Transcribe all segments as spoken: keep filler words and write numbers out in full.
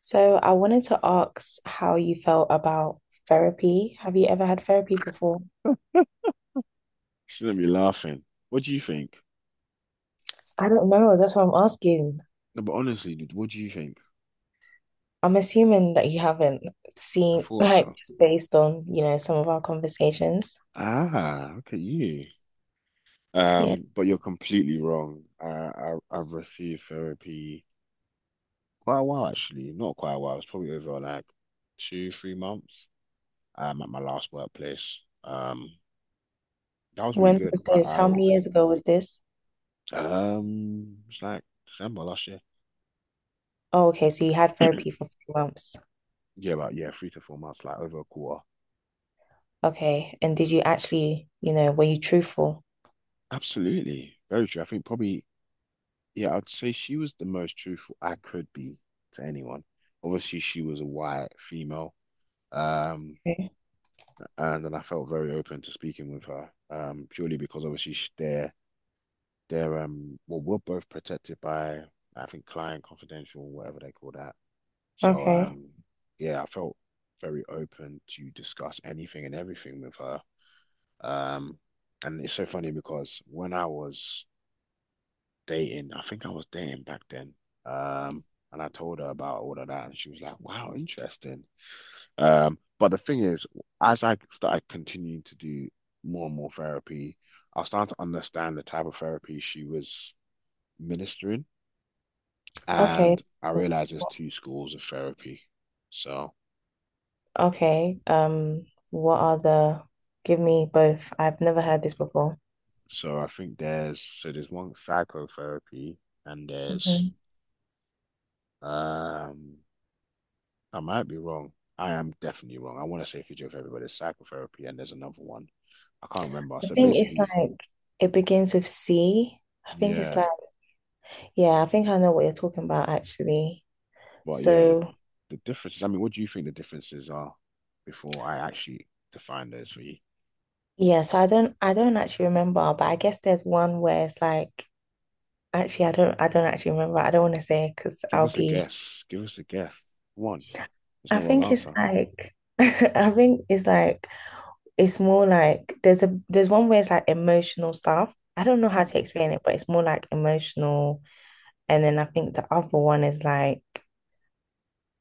So I wanted to ask how you felt about therapy. Have you ever had therapy before? She's gonna be laughing. What do you think? I don't know. That's what I'm asking. No, but honestly, dude, what do you think? I'm assuming that you haven't I seen, thought like, so. just based on, you know, some of our conversations. Ah, look at you. Yeah. Um, but you're completely wrong. I, I I've received therapy quite a while actually. Not quite a while. It's probably over like two, three months. Um, at my last workplace. Um, that was really When was good. Quite this? How many years eye-opening. ago was this? Um, it's like December last year. Oh, okay. So you had therapy for three months. Yeah, about yeah, three to four months, like over a quarter. Okay. And did you actually, you know, were you truthful? Absolutely. Very true. I think probably, yeah, I'd say she was the most truthful I could be to anyone. Obviously, she was a white female. Um, Okay. and then I felt very open to speaking with her. Um, purely because obviously sh- they're they're um well, we're both protected by I think client confidential, whatever they call that. So Okay. um yeah, I felt very open to discuss anything and everything with her. Um, and it's so funny because when I was dating, I think I was dating back then. Um, and I told her about all of that, and she was like, "Wow, interesting." Um, but the thing is, as I started continuing to do more and more therapy, I was starting to understand the type of therapy she was ministering, Okay. and I realized there's two schools of therapy. So, Okay. Um, what are the, give me both. I've never heard this before. so I think there's so there's one psychotherapy, and there's Mhm. um I might be wrong. I am definitely wrong. I want to say physiotherapy, but everybody, psychotherapy, and there's another one. I can't remember. I So think it's basically, like it begins with C. I think it's like yeah, yeah, I think I know what you're talking about actually. but yeah, the So the differences. I mean, what do you think the differences are before I actually define those for you? yeah, so I don't I don't actually remember, but I guess there's one where it's like actually I don't I don't actually remember. I don't want to say because Give I'll us a be guess. Give us a guess. One. There's I no wrong think it's answer. like I think it's like it's more like there's a there's one where it's like emotional stuff. I don't know how Mm, to explain it, but it's more like emotional, and then I think the other one is like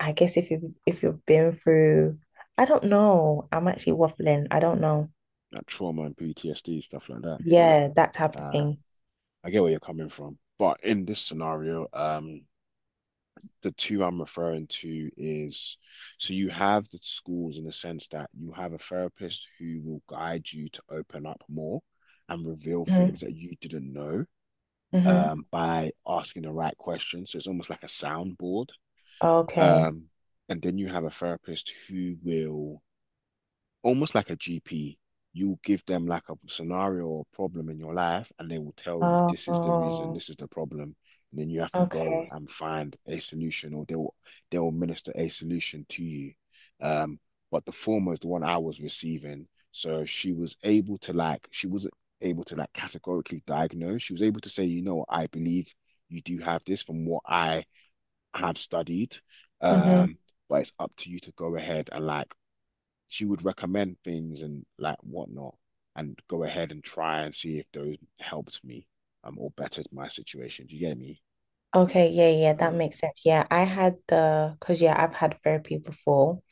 I guess if you if you've been through, I don't know. I'm actually waffling. I don't know. That trauma and P T S D stuff like that. Yeah, that type of Uh, thing. I get where you're coming from, but in this scenario, um, the two I'm referring to is so you have the schools in the sense that you have a therapist who will guide you to open up more and reveal Mm-hmm. things that you didn't know Mm-hmm. um, by asking the right questions. So it's almost like a soundboard. Okay. Um, and then you have a therapist who will almost like a G P, you give them like a scenario or problem in your life, and they will tell you Oh, this is the reason, oh, this is the problem, and then you have to go okay. and find a solution, or they'll they'll minister a solution to you. Um, but the former is the one I was receiving, so she was able to like she wasn't able to like categorically diagnose. She was able to say, you know, I believe you do have this from what I have studied. Mm-hmm. Um, but it's up to you to go ahead and like she would recommend things and like whatnot and go ahead and try and see if those helped me um or bettered my situation. Do you get me? Okay, yeah, yeah, that Yeah. makes sense. Yeah, I had the because yeah, I've had therapy before.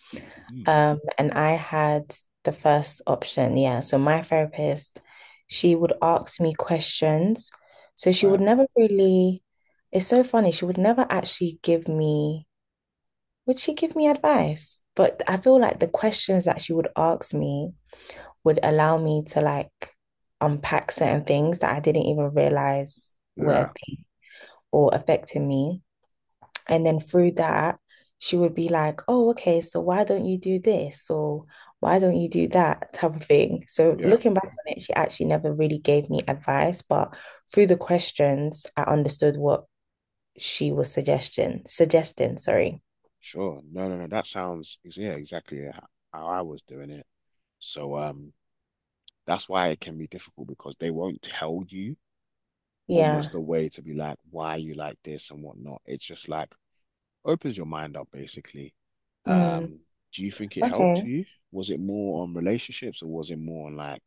Hmm. Um, and I had the first option. Yeah. So my therapist, she would ask me questions. So she would But never really, it's so funny, she would never actually give me. Would she give me advice? But I feel like the questions that she would ask me would allow me to like unpack certain things that I didn't even realize were a yeah, thing or affecting me. And then through that, she would be like, oh, okay, so why don't you do this? Or why don't you do that type of thing? So yeah, looking back on it, she actually never really gave me advice, but through the questions, I understood what she was suggesting, suggesting, sorry. sure. No, no, no. That sounds is yeah, exactly how how I was doing it. So um that's why it can be difficult because they won't tell you almost Yeah. a way to be like why you like this and whatnot. It's just like opens your mind up basically. Mm. Um, do you think it helped Okay. you? Was it more on relationships or was it more on like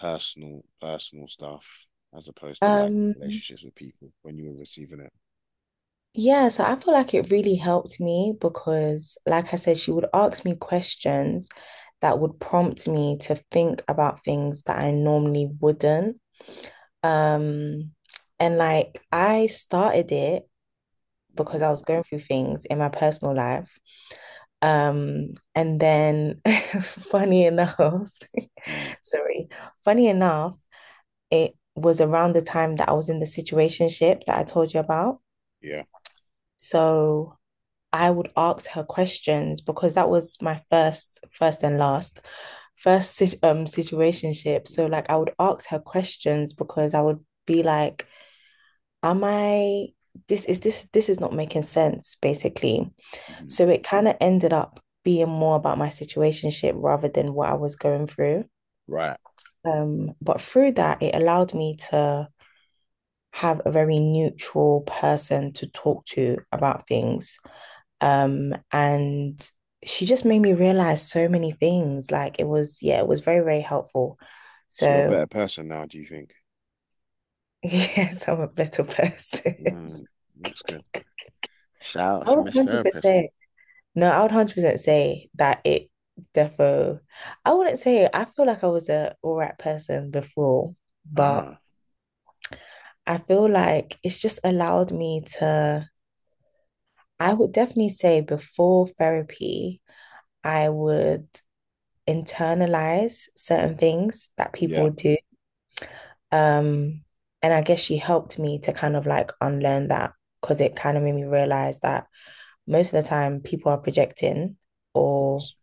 personal personal stuff as opposed to like Um, relationships with people when you were receiving it? yeah, so I feel like it really helped me because, like I said, she would ask me questions that would prompt me to think about things that I normally wouldn't. Um, and like I started it Hmm. because I was going through things in my personal life. Um, and then funny enough, Mm, sorry, funny enough, it was around the time that I was in the situationship that I told you about. yeah. So I would ask her questions because that was my first, first and last, first si, um situationship. Hmm. So like I would ask her questions because I would be like, "Am I, this is this this is not making sense?" Basically, Hmm. so it kind of ended up being more about my situationship rather than what I was going through. Right. Um, but through that, it allowed me to have a very neutral person to talk to about things. Um, and she just made me realize so many things. Like it was, yeah, it was very, very helpful. So you're a So, better person now, do you think? yes, I'm a better person. Mm, that's good. Shout out I to would Miss Therapist. one hundred percent. No, I would one hundred percent say that it defo. I wouldn't say. I feel like I was a all right person before, but Ah, I feel like it's just allowed me to. I would definitely say before therapy, I would internalize certain things that people yeah, of would do. Um, and I guess she helped me to kind of like unlearn that because it kind of made me realize that most of the time people are projecting or, course.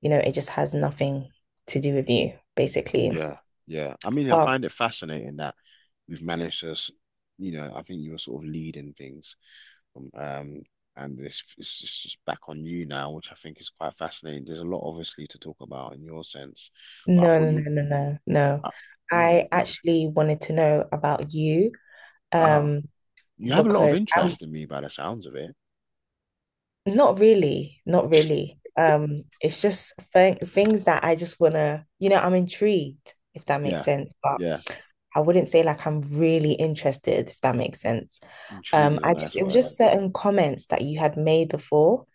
you know, it just has nothing to do with you, basically. Yeah, yeah. I mean, I But find it fascinating that we've managed to, s- you know, I think you were sort of leading things. Um, um, and it's, it's just it's back on you now, which I think is quite fascinating. There's a lot, obviously, to talk about in your sense, but I no, thought no, you, no, no, no, no. uh, I oh, actually wanted to know about you, ah, um, you have a lot of because I. interest in me by the sounds of it. Not really, not really. Um, it's just th things that I just wanna, you know, I'm intrigued, if that makes Yeah, sense. But yeah, I wouldn't say like I'm really interested, if that makes sense. intrigue Um, is a I just nice it was word. just certain comments that you had made before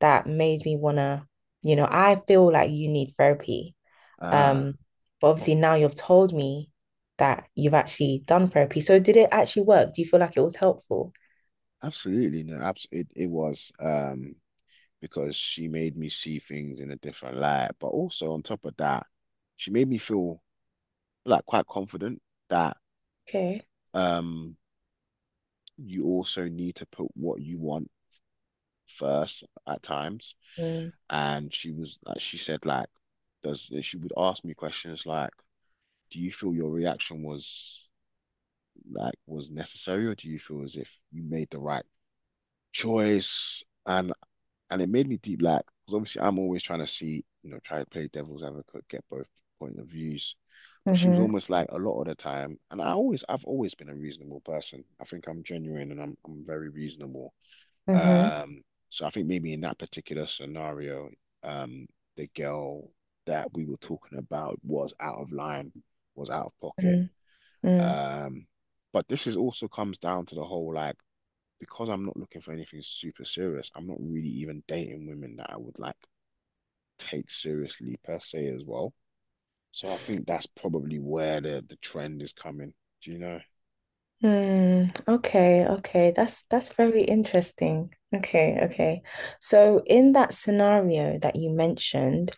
that made me wanna, you know, I feel like you need therapy. Ah, Um, but obviously now you've told me that you've actually done therapy. So did it actually work? Do you feel like it was helpful? absolutely, no, abs it, it was, um, because she made me see things in a different light, but also on top of that, she made me feel like quite confident that Okay. um, you also need to put what you want first at times, Mm. and she was like, she said like, does she would ask me questions like, do you feel your reaction was like was necessary, or do you feel as if you made the right choice? And and it made me deep like, because obviously I'm always trying to see, you know, try to play devil's advocate, get both point of views. But she was Mm-hmm. almost like a lot of the time, and I always I've always been a reasonable person. I think I'm genuine and I'm I'm very reasonable. Mm-hmm. Um, so I think maybe in that particular scenario, um, the girl that we were talking about was out of line, was out of pocket. Mm-hmm. Mm-hmm. Um, but this is also comes down to the whole like because I'm not looking for anything super serious, I'm not really even dating women that I would like take seriously per se as well. So I think that's probably where the the trend is coming. Do you know? Hmm. Okay. Okay. That's that's very interesting. Okay. Okay. So in that scenario that you mentioned,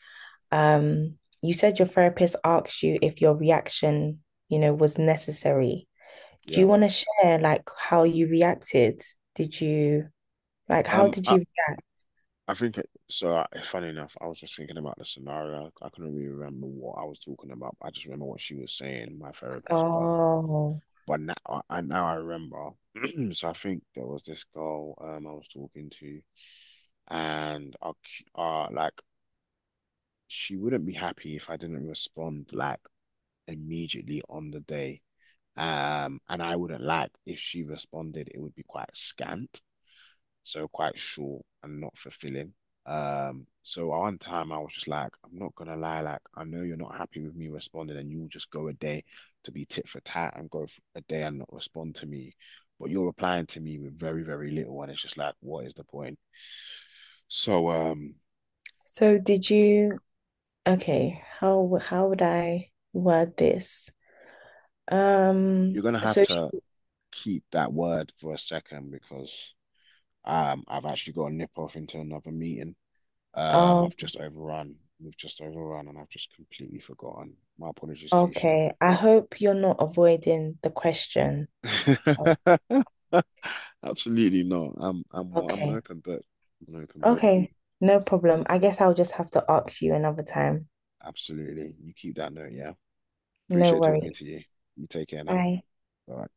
um, you said your therapist asked you if your reaction, you know, was necessary. Do Yeah. you want to share like how you reacted? Did you like how Um, did I, you react? I think it, so. I, funny enough, I was just thinking about the scenario. I couldn't really remember what I was talking about. But I just remember what she was saying, my therapist. But Oh, but now I I- now I remember. So I think there was this girl um I was talking to, and I c- uh like she wouldn't be happy if I didn't respond like immediately on the day. Um, and I wouldn't like if she responded, it would be quite scant, so quite short and not fulfilling. Um, so one time I was just like, I'm not gonna lie, like I know you're not happy with me responding, and you'll just go a day to be tit for tat and go for a day and not respond to me, but you're replying to me with very, very little, and it's just like, what is the point? So um, so did you? Okay. How how would I word this? Um. you're gonna have So to she, keep that word for a second because um, I've actually got to nip off into another meeting. Um, I've oh. just overrun. We've just overrun, and I've just completely forgotten. My apologies, Keisha. Okay, I hope you're not avoiding the question. Oh, Absolutely not. I'm I'm I'm an okay, open book. I'm an open book. okay, no problem. I guess I'll just have to ask you another time. Absolutely. You keep that note, yeah. No Appreciate talking worries. to you. You take care now. Bye. Bye.